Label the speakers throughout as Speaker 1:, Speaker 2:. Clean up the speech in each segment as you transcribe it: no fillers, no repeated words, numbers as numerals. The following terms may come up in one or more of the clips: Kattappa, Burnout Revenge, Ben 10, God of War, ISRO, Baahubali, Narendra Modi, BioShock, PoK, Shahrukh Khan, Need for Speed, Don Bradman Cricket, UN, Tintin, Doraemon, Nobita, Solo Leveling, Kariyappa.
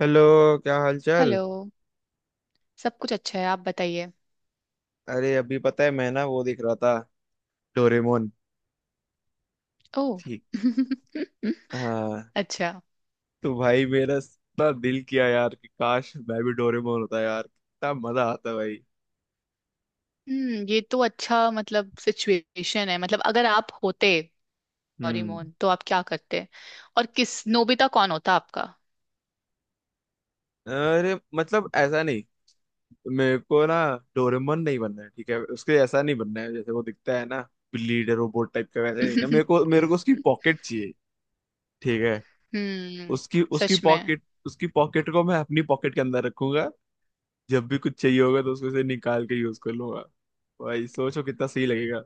Speaker 1: Hello. क्या हाल चाल।
Speaker 2: हेलो। सब कुछ अच्छा है, आप बताइए।
Speaker 1: अरे अभी पता है मैं ना वो देख रहा था डोरेमोन।
Speaker 2: ओह।
Speaker 1: ठीक। हाँ।
Speaker 2: अच्छा।
Speaker 1: तो भाई मेरा इतना दिल किया यार कि काश मैं भी डोरेमोन होता यार। कितना मजा आता भाई।
Speaker 2: हम्म, ये तो अच्छा मतलब सिचुएशन है। मतलब अगर आप होते
Speaker 1: हम्म।
Speaker 2: डोरेमोन तो आप क्या करते? और किस, नोबिता कौन होता आपका?
Speaker 1: अरे मतलब ऐसा नहीं। मेरे को ना डोरेमोन नहीं बनना है, ठीक है, उसके ऐसा नहीं बनना है जैसे वो दिखता है ना। लीडर रोबोट टाइप का वैसे नहीं ना। मेरे को मेरे को उसकी पॉकेट चाहिए। ठीक है।
Speaker 2: हम्म।
Speaker 1: उसकी उसकी
Speaker 2: सच में।
Speaker 1: पॉकेट, उसकी पॉकेट को मैं अपनी पॉकेट के अंदर रखूंगा। जब भी कुछ चाहिए होगा तो उसको से निकाल के यूज कर लूंगा। भाई सोचो कितना सही लगेगा।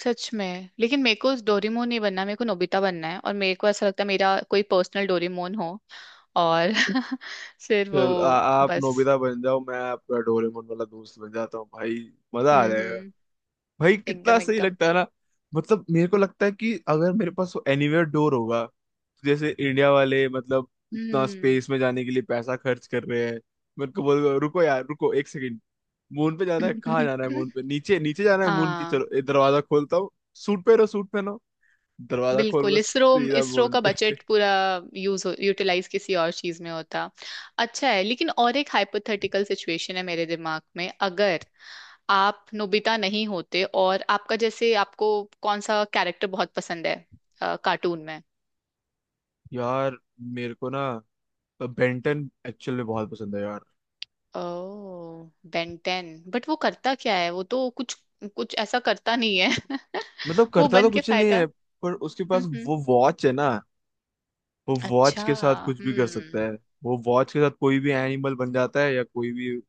Speaker 2: सच में लेकिन मेरे को डोरेमोन नहीं बनना, मेरे को नोबिता बनना है और मेरे को ऐसा लगता है मेरा कोई पर्सनल डोरेमोन हो। और फिर वो
Speaker 1: चल आ, आप
Speaker 2: बस।
Speaker 1: नोबिता बन जाओ, मैं आपका डोरेमोन वाला दोस्त बन जाता हूँ भाई। मजा आ
Speaker 2: हम्म।
Speaker 1: जाएगा।
Speaker 2: हम्म।
Speaker 1: भाई कितना
Speaker 2: एकदम
Speaker 1: सही
Speaker 2: एकदम।
Speaker 1: लगता है ना। मतलब मेरे को लगता है कि अगर मेरे पास वो एनीवेयर डोर होगा तो जैसे इंडिया वाले, मतलब इतना
Speaker 2: हम्म।
Speaker 1: स्पेस में जाने के लिए पैसा खर्च कर रहे हैं। मेरे को बोल रुको यार, रुको एक सेकंड। मून पे जाना है? कहाँ जाना है? मून पे नीचे नीचे जाना है मून की।
Speaker 2: हाँ।
Speaker 1: चलो ये दरवाजा खोलता हूँ। सूट पहनो, सूट पहनो। दरवाजा खोल
Speaker 2: बिल्कुल
Speaker 1: के
Speaker 2: इसरो।
Speaker 1: सीधा
Speaker 2: इसरो
Speaker 1: मोन
Speaker 2: का
Speaker 1: पे।
Speaker 2: बजट पूरा यूज हो, यूटिलाइज किसी और चीज में होता। अच्छा है। लेकिन और एक हाइपोथेटिकल सिचुएशन है मेरे दिमाग में। अगर आप नोबिता नहीं होते और आपका जैसे आपको कौन सा कैरेक्टर बहुत पसंद है कार्टून में?
Speaker 1: यार मेरे को ना बेंटन एक्चुअल में बहुत पसंद है यार।
Speaker 2: ओ। बेंटेन, बट वो करता क्या है? वो तो कुछ कुछ ऐसा करता नहीं है।
Speaker 1: मतलब
Speaker 2: वो
Speaker 1: करता तो
Speaker 2: बन के
Speaker 1: कुछ नहीं
Speaker 2: फायदा।
Speaker 1: है, पर उसके पास
Speaker 2: हम्म।
Speaker 1: वो वॉच है ना। वो वॉच
Speaker 2: अच्छा।
Speaker 1: के साथ कुछ भी कर सकता
Speaker 2: हम्म।
Speaker 1: है। वो वॉच के साथ कोई भी एनिमल बन जाता है या कोई भी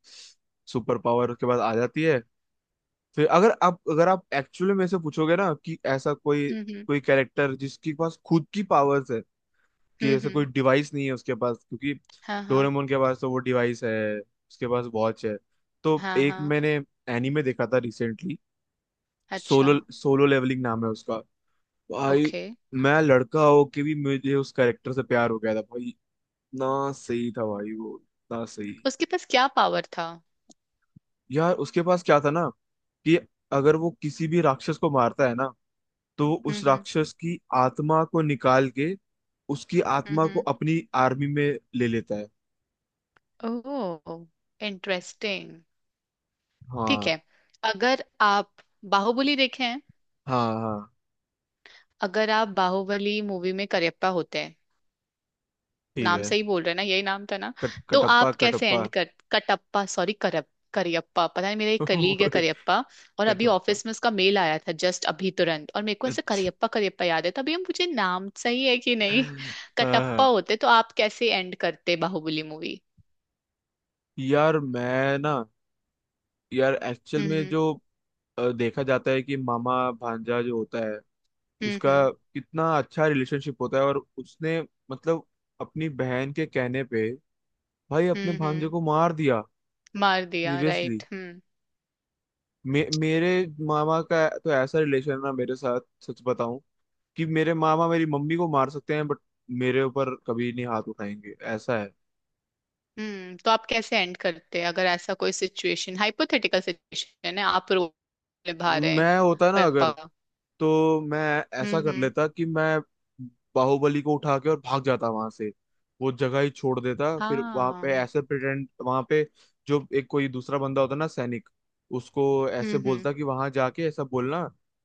Speaker 1: सुपर पावर उसके पास आ जाती है। फिर अगर आप एक्चुअली मेरे से पूछोगे ना कि ऐसा कोई
Speaker 2: हम्म।
Speaker 1: कोई कैरेक्टर जिसके पास खुद की पावर्स है, कि
Speaker 2: हम्म।
Speaker 1: ऐसा
Speaker 2: हम्म।
Speaker 1: कोई डिवाइस नहीं है उसके पास, क्योंकि
Speaker 2: हाँ हाँ।
Speaker 1: डोरेमोन के पास तो वो डिवाइस है, उसके पास वॉच है। तो
Speaker 2: हाँ
Speaker 1: एक
Speaker 2: हाँ।
Speaker 1: मैंने एनीमे देखा था रिसेंटली।
Speaker 2: अच्छा।
Speaker 1: सोलो सोलो लेवलिंग नाम है उसका। भाई
Speaker 2: ओके।
Speaker 1: मैं लड़का हो के भी मुझे उस कैरेक्टर से प्यार हो गया था भाई। इतना सही था भाई, वो इतना सही।
Speaker 2: उसके पास क्या पावर था?
Speaker 1: यार उसके पास क्या था ना, कि अगर वो किसी भी राक्षस को मारता है ना तो
Speaker 2: हम्म।
Speaker 1: उस
Speaker 2: हम्म।
Speaker 1: राक्षस की आत्मा को निकाल के उसकी आत्मा को
Speaker 2: हम्म।
Speaker 1: अपनी आर्मी में ले लेता है।
Speaker 2: हम्म। ओह, इंटरेस्टिंग। ठीक
Speaker 1: हाँ।
Speaker 2: है। अगर आप बाहुबली देखे हैं,
Speaker 1: हाँ हाँ।
Speaker 2: अगर आप बाहुबली मूवी में करियप्पा होते हैं,
Speaker 1: ठीक
Speaker 2: नाम
Speaker 1: है।
Speaker 2: सही बोल रहे हैं ना? यही नाम था ना?
Speaker 1: कट
Speaker 2: तो
Speaker 1: कटप्पा,
Speaker 2: आप कैसे
Speaker 1: कटप्पा।
Speaker 2: एंड कर, कटप्पा सॉरी, करप करियप्पा पता नहीं। मेरा एक कलीग है
Speaker 1: वही,
Speaker 2: करियप्पा और अभी
Speaker 1: कटप्पा।
Speaker 2: ऑफिस में उसका मेल आया था, जस्ट अभी तुरंत, और मेरे को ऐसे
Speaker 1: अच्छा।
Speaker 2: करियप्पा करियप्पा याद है, तभी हम, मुझे नाम सही है कि नहीं।
Speaker 1: हाँ
Speaker 2: कटप्पा
Speaker 1: हाँ।
Speaker 2: होते तो आप कैसे एंड करते बाहुबली मूवी?
Speaker 1: यार मैं ना, यार एक्चुअल में जो देखा जाता है कि मामा भांजा जो होता है,
Speaker 2: हम्म।
Speaker 1: उसका
Speaker 2: हम्म।
Speaker 1: कितना अच्छा रिलेशनशिप होता है। और उसने, मतलब अपनी बहन के कहने पे भाई अपने
Speaker 2: हम्म।
Speaker 1: भांजे
Speaker 2: हम्म।
Speaker 1: को मार दिया।
Speaker 2: मार दिया,
Speaker 1: सीरियसली।
Speaker 2: राइट। हम्म।
Speaker 1: मेरे मामा का तो ऐसा रिलेशन है ना मेरे साथ। सच बताऊं, कि मेरे मामा मेरी मम्मी को मार सकते हैं बट मेरे ऊपर कभी नहीं हाथ उठाएंगे, ऐसा है।
Speaker 2: हम्म। तो आप कैसे एंड करते हैं? अगर ऐसा कोई सिचुएशन, हाइपोथेटिकल सिचुएशन है, आप रोल निभा रहे हैं।
Speaker 1: मैं होता ना
Speaker 2: कर
Speaker 1: अगर,
Speaker 2: पा।
Speaker 1: तो मैं ऐसा
Speaker 2: हम्म।
Speaker 1: कर
Speaker 2: हम्म।
Speaker 1: लेता कि मैं बाहुबली को उठा के और भाग जाता वहां से। वो जगह ही छोड़ देता। फिर वहां पे
Speaker 2: हाँ।
Speaker 1: ऐसे प्रिटेंड, वहां पे जो एक कोई दूसरा बंदा होता ना सैनिक, उसको
Speaker 2: हम्म।
Speaker 1: ऐसे
Speaker 2: हम्म।
Speaker 1: बोलता कि वहां जाके ऐसा बोलना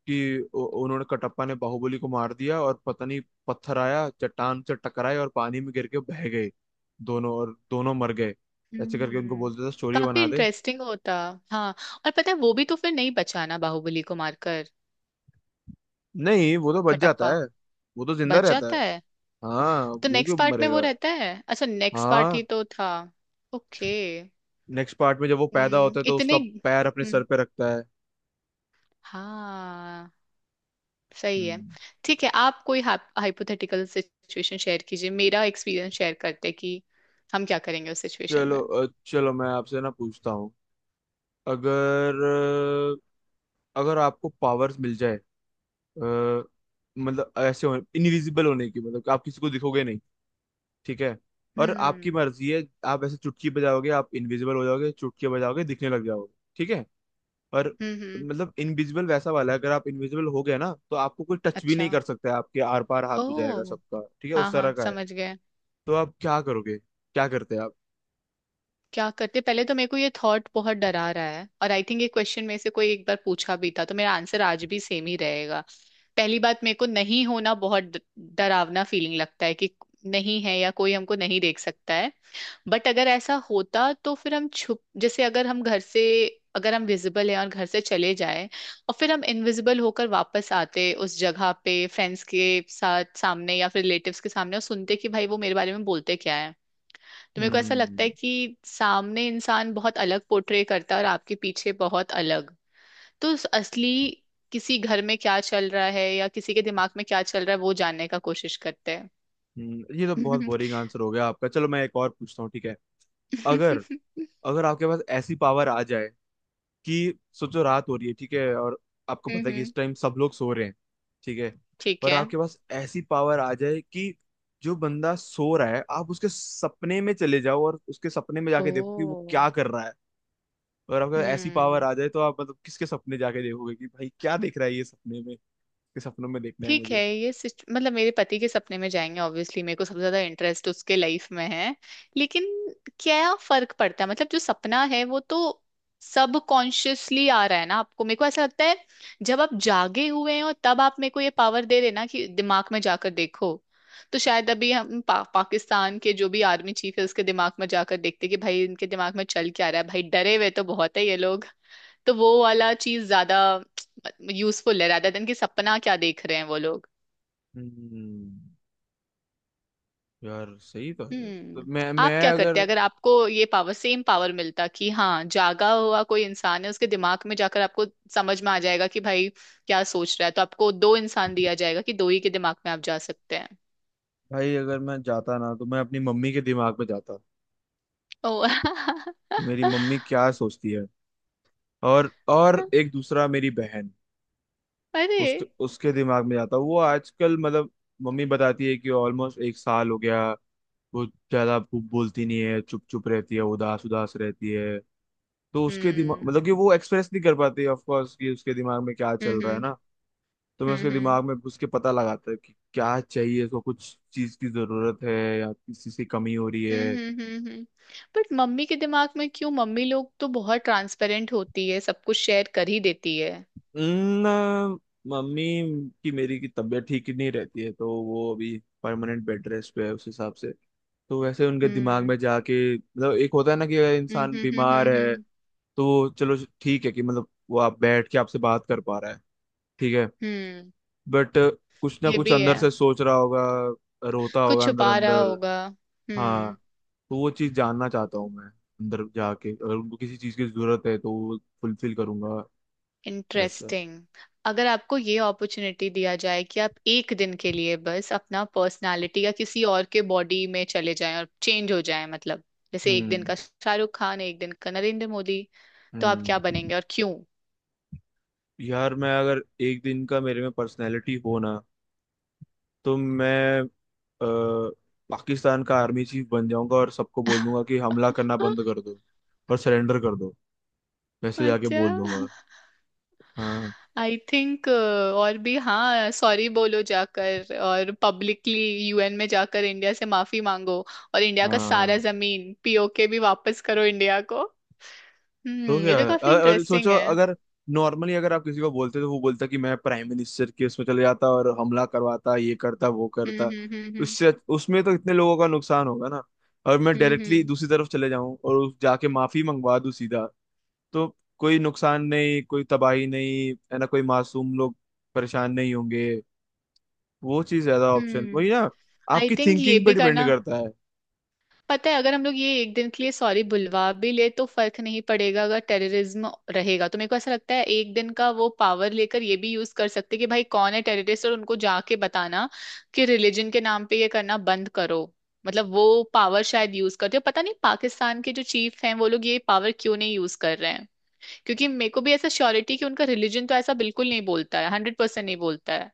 Speaker 1: कि उन्होंने कटप्पा ने बाहुबली को मार दिया और पता नहीं, पत्थर आया चट्टान से टकराए और पानी में गिर के बह गए दोनों, और दोनों मर गए। ऐसे करके उनको
Speaker 2: हम्म।
Speaker 1: बोलते थे स्टोरी
Speaker 2: काफी
Speaker 1: बना दे।
Speaker 2: इंटरेस्टिंग होता। हाँ। और पता है वो भी तो फिर नहीं बचाना बाहुबली को मारकर?
Speaker 1: नहीं, वो तो बच जाता
Speaker 2: कटप्पा
Speaker 1: है। वो तो जिंदा
Speaker 2: बच
Speaker 1: रहता है।
Speaker 2: जाता है।
Speaker 1: हाँ।
Speaker 2: तो
Speaker 1: वो क्यों
Speaker 2: नेक्स्ट पार्ट में वो
Speaker 1: मरेगा?
Speaker 2: रहता है, अच्छा नेक्स्ट पार्ट
Speaker 1: हाँ।
Speaker 2: ही तो था। ओके।
Speaker 1: नेक्स्ट पार्ट में जब वो पैदा
Speaker 2: हम्म,
Speaker 1: होता है तो
Speaker 2: इतने।
Speaker 1: उसका पैर अपने सर
Speaker 2: हम्म।
Speaker 1: पे रखता है।
Speaker 2: हाँ। सही है।
Speaker 1: हम्म।
Speaker 2: ठीक है, आप कोई हाइपोथेटिकल सिचुएशन शेयर कीजिए, मेरा एक्सपीरियंस शेयर करते हैं कि हम क्या करेंगे उस सिचुएशन
Speaker 1: चलो
Speaker 2: में।
Speaker 1: चलो मैं आपसे ना पूछता हूँ। अगर अगर आपको पावर्स मिल जाए, अ, मतलब ऐसे हो इनविजिबल होने की, मतलब कि आप किसी को दिखोगे नहीं, ठीक है। और आपकी
Speaker 2: हम्म।
Speaker 1: मर्जी है, आप ऐसे चुटकी बजाओगे आप इनविजिबल हो जाओगे, चुटकी बजाओगे दिखने लग जाओगे, ठीक है। पर
Speaker 2: हम्म। हम्म।
Speaker 1: मतलब इनविजिबल वैसा वाला है, अगर आप इनविजिबल हो गए ना तो आपको कोई टच भी
Speaker 2: अच्छा।
Speaker 1: नहीं कर सकता है, आपके आर पार हाथ
Speaker 2: ओ।
Speaker 1: हो जाएगा सबका, ठीक है
Speaker 2: हाँ
Speaker 1: उस तरह
Speaker 2: हाँ
Speaker 1: का है।
Speaker 2: समझ गए।
Speaker 1: तो आप क्या करोगे? क्या करते आप?
Speaker 2: क्या करते? पहले तो मेरे को ये थॉट बहुत डरा रहा है और आई थिंक ये क्वेश्चन में से कोई एक बार पूछा भी था, तो मेरा आंसर आज भी सेम ही रहेगा। पहली बात, मेरे को नहीं होना, बहुत डरावना फीलिंग लगता है कि नहीं है या कोई हमको नहीं देख सकता है। बट अगर ऐसा होता तो फिर हम छुप, जैसे अगर हम घर से, अगर हम विजिबल हैं और घर से चले जाएं और फिर हम इनविजिबल होकर वापस आते उस जगह पे फ्रेंड्स के साथ सामने या फिर रिलेटिव्स के सामने, और सुनते कि भाई वो मेरे बारे में बोलते क्या है। तो मेरे को ऐसा
Speaker 1: हम्म,
Speaker 2: लगता है कि सामने इंसान बहुत अलग पोर्ट्रे करता है और आपके पीछे बहुत अलग। तो उस असली किसी घर में क्या चल रहा है या किसी के दिमाग में क्या चल रहा है वो जानने का कोशिश करते हैं।
Speaker 1: ये तो बहुत बोरिंग आंसर हो गया आपका। चलो मैं एक और पूछता हूँ, ठीक है। अगर
Speaker 2: हम्म।
Speaker 1: अगर आपके पास ऐसी पावर आ जाए कि सोचो रात हो रही है, ठीक है, और आपको पता है कि
Speaker 2: हम्म।
Speaker 1: इस टाइम सब लोग सो रहे हैं, ठीक है।
Speaker 2: ठीक
Speaker 1: पर
Speaker 2: है।
Speaker 1: आपके पास ऐसी पावर आ जाए कि जो बंदा सो रहा है आप उसके सपने में चले जाओ और उसके सपने में जाके देखो कि वो
Speaker 2: ओ।
Speaker 1: क्या कर रहा है। और अगर ऐसी पावर
Speaker 2: हम्म।
Speaker 1: आ जाए तो आप मतलब किसके सपने जाके देखोगे कि भाई क्या देख रहा है ये सपने में। इसके सपनों में देखना है
Speaker 2: ठीक है
Speaker 1: मुझे।
Speaker 2: मतलब मेरे पति के सपने में जाएंगे, ऑब्वियसली मेरे को सबसे ज्यादा इंटरेस्ट उसके लाइफ में है। लेकिन क्या फर्क पड़ता है? मतलब जो सपना है वो तो सब कॉन्शियसली आ रहा है ना आपको? मेरे को ऐसा लगता है, जब आप जागे हुए हैं और तब आप मेरे को ये पावर दे देना कि दिमाग में जाकर देखो, तो शायद अभी हम पाकिस्तान के जो भी आर्मी चीफ है उसके दिमाग में जाकर देखते कि भाई इनके दिमाग में चल क्या रहा है। भाई डरे हुए तो बहुत है ये लोग। तो वो वाला चीज ज्यादा यूजफुल है rather देन कि सपना क्या देख रहे हैं वो लोग।
Speaker 1: हम्म। यार सही तो है। तो
Speaker 2: हम्म।
Speaker 1: मैं
Speaker 2: आप
Speaker 1: मैं
Speaker 2: क्या करते
Speaker 1: अगर,
Speaker 2: अगर आपको ये पावर, सेम पावर मिलता कि हाँ जागा हुआ कोई इंसान है, उसके दिमाग में जाकर आपको समझ में आ जाएगा कि भाई क्या सोच रहा है? तो आपको दो इंसान दिया जाएगा कि दो ही के दिमाग में आप जा सकते हैं।
Speaker 1: भाई अगर मैं जाता ना तो मैं अपनी मम्मी के दिमाग में जाता
Speaker 2: ओ।
Speaker 1: कि मेरी मम्मी क्या सोचती है। और एक दूसरा मेरी बहन,
Speaker 2: अरे।
Speaker 1: उसके उसके दिमाग में जाता। वो आजकल मतलब, मम्मी बताती है कि ऑलमोस्ट एक साल हो गया, वो ज्यादा बोलती नहीं है, चुप चुप रहती है, उदास उदास रहती है। तो उसके दिमाग,
Speaker 2: हम्म।
Speaker 1: मतलब कि वो एक्सप्रेस नहीं कर पाती ऑफ कोर्स कि उसके दिमाग में क्या चल रहा है
Speaker 2: हम्म।
Speaker 1: ना। तो मैं उसके
Speaker 2: हम्म।
Speaker 1: दिमाग में घुस के पता लगाता है कि क्या चाहिए उसको, कुछ चीज की जरूरत है या किसी से कमी हो रही है।
Speaker 2: हम्म। हम्म। बट मम्मी के दिमाग में क्यों? मम्मी लोग तो बहुत ट्रांसपेरेंट होती है, सब कुछ शेयर कर ही देती है।
Speaker 1: ना। मम्मी की, मेरी की तबीयत ठीक ही नहीं रहती है, तो वो अभी परमानेंट बेड रेस्ट पे है उस हिसाब से। तो वैसे उनके दिमाग
Speaker 2: हम्म।
Speaker 1: में जाके, मतलब एक होता है ना कि अगर
Speaker 2: हम्म।
Speaker 1: इंसान
Speaker 2: हम्म। हम्म।
Speaker 1: बीमार
Speaker 2: हम्म।
Speaker 1: है
Speaker 2: हम्म।
Speaker 1: तो चलो ठीक है, कि मतलब वो आप बैठ के आपसे बात कर पा रहा है, ठीक है।
Speaker 2: हम्म।
Speaker 1: बट कुछ ना
Speaker 2: ये
Speaker 1: कुछ
Speaker 2: भी है,
Speaker 1: अंदर से सोच रहा होगा, रोता
Speaker 2: कुछ
Speaker 1: होगा अंदर
Speaker 2: छुपा रहा
Speaker 1: अंदर।
Speaker 2: होगा।
Speaker 1: हाँ।
Speaker 2: हम्म।
Speaker 1: तो वो चीज़ जानना चाहता हूँ मैं अंदर जाके, अगर उनको किसी चीज़ की जरूरत है तो वो फुलफिल करूंगा, वैसा।
Speaker 2: इंटरेस्टिंग। अगर आपको ये अपॉर्चुनिटी दिया जाए कि आप एक दिन के लिए बस अपना पर्सनालिटी या किसी और के बॉडी में चले जाएं और चेंज हो जाएं, मतलब जैसे एक दिन
Speaker 1: हम्म,
Speaker 2: का शाहरुख खान, एक दिन का नरेंद्र मोदी, तो आप क्या
Speaker 1: हम्म।
Speaker 2: बनेंगे और क्यों?
Speaker 1: यार मैं अगर एक दिन का मेरे में पर्सनैलिटी हो ना, तो मैं अ, पाकिस्तान का आर्मी चीफ बन जाऊंगा और सबको बोल दूंगा कि हमला करना बंद कर दो और सरेंडर कर दो। वैसे जाके
Speaker 2: अच्छा।
Speaker 1: बोल दूंगा। हाँ
Speaker 2: आई थिंक और भी, हाँ सॉरी बोलो जाकर और पब्लिकली, यूएन में जाकर इंडिया से माफी मांगो और इंडिया का सारा
Speaker 1: हाँ।
Speaker 2: जमीन पीओके भी वापस करो इंडिया को। हम्म,
Speaker 1: तो
Speaker 2: ये
Speaker 1: क्या
Speaker 2: तो काफी
Speaker 1: और
Speaker 2: इंटरेस्टिंग
Speaker 1: सोचो,
Speaker 2: है।
Speaker 1: अगर नॉर्मली अगर आप किसी को बोलते तो वो बोलता कि मैं प्राइम मिनिस्टर के उसमें चले जाता और हमला करवाता, ये करता वो करता।
Speaker 2: हम्म। हम्म।
Speaker 1: उससे उसमें तो इतने लोगों का नुकसान होगा ना। और मैं
Speaker 2: हम्म।
Speaker 1: डायरेक्टली
Speaker 2: हम्म।
Speaker 1: दूसरी तरफ चले जाऊं और जाके माफी मंगवा दूं सीधा। तो कोई नुकसान नहीं, कोई तबाही नहीं है ना, कोई मासूम लोग परेशान नहीं होंगे। वो चीज ज्यादा ऑप्शन
Speaker 2: हम्म।
Speaker 1: वही ना,
Speaker 2: आई
Speaker 1: आपकी
Speaker 2: थिंक ये
Speaker 1: थिंकिंग पे
Speaker 2: भी
Speaker 1: डिपेंड
Speaker 2: करना,
Speaker 1: करता है।
Speaker 2: पता है, अगर हम लोग ये एक दिन के लिए सॉरी बुलवा भी ले तो फर्क नहीं पड़ेगा अगर टेररिज्म रहेगा। तो मेरे को ऐसा लगता है एक दिन का वो पावर लेकर ये भी यूज कर सकते कि भाई कौन है टेररिस्ट, और उनको जाके बताना कि रिलीजन के नाम पे ये करना बंद करो। मतलब वो पावर शायद यूज करते, हो पता नहीं पाकिस्तान के जो चीफ हैं वो लोग ये पावर क्यों नहीं यूज कर रहे हैं, क्योंकि मेरे को भी ऐसा श्योरिटी कि उनका रिलीजन तो ऐसा बिल्कुल नहीं बोलता है, 100% नहीं बोलता है।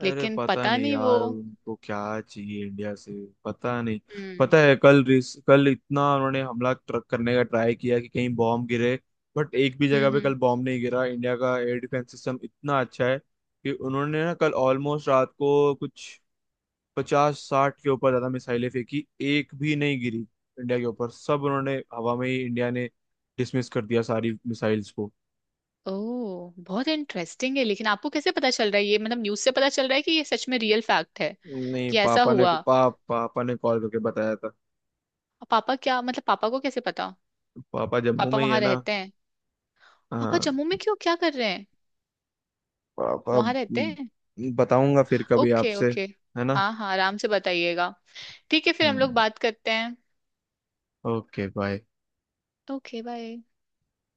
Speaker 1: अरे
Speaker 2: लेकिन
Speaker 1: पता
Speaker 2: पता
Speaker 1: नहीं
Speaker 2: नहीं वो।
Speaker 1: यार उनको क्या चाहिए इंडिया से। पता नहीं।
Speaker 2: हम्म।
Speaker 1: पता है कल, कल इतना उन्होंने हमला करने का ट्राई किया कि कहीं बॉम्ब गिरे। बट एक भी जगह
Speaker 2: हम्म।
Speaker 1: पे कल
Speaker 2: हम्म।
Speaker 1: बॉम्ब नहीं गिरा। इंडिया का एयर डिफेंस सिस्टम इतना अच्छा है कि उन्होंने ना कल ऑलमोस्ट रात को कुछ 50-60 के ऊपर ज्यादा मिसाइलें फेंकी, एक भी नहीं गिरी। इंडिया के ऊपर सब उन्होंने हवा में ही, इंडिया ने डिसमिस कर दिया सारी मिसाइल्स को।
Speaker 2: ओह बहुत इंटरेस्टिंग है, लेकिन आपको कैसे पता चल रहा है ये? मतलब न्यूज़ से पता चल रहा है कि ये सच में रियल फैक्ट है
Speaker 1: नहीं
Speaker 2: कि ऐसा
Speaker 1: पापा ने,
Speaker 2: हुआ? और
Speaker 1: पापा ने कॉल करके बताया था।
Speaker 2: पापा क्या मतलब? पापा को कैसे पता?
Speaker 1: पापा जम्मू
Speaker 2: पापा
Speaker 1: में ही
Speaker 2: वहां
Speaker 1: है ना।
Speaker 2: रहते हैं? पापा
Speaker 1: हाँ।
Speaker 2: जम्मू में क्यों, क्या कर रहे हैं
Speaker 1: पापा
Speaker 2: वहां रहते हैं?
Speaker 1: बताऊंगा फिर कभी
Speaker 2: ओके
Speaker 1: आपसे,
Speaker 2: ओके।
Speaker 1: है ना।
Speaker 2: हाँ हाँ आराम से बताइएगा। ठीक है, फिर हम
Speaker 1: हम्म।
Speaker 2: लोग बात करते हैं।
Speaker 1: Okay bye.
Speaker 2: Okay bye.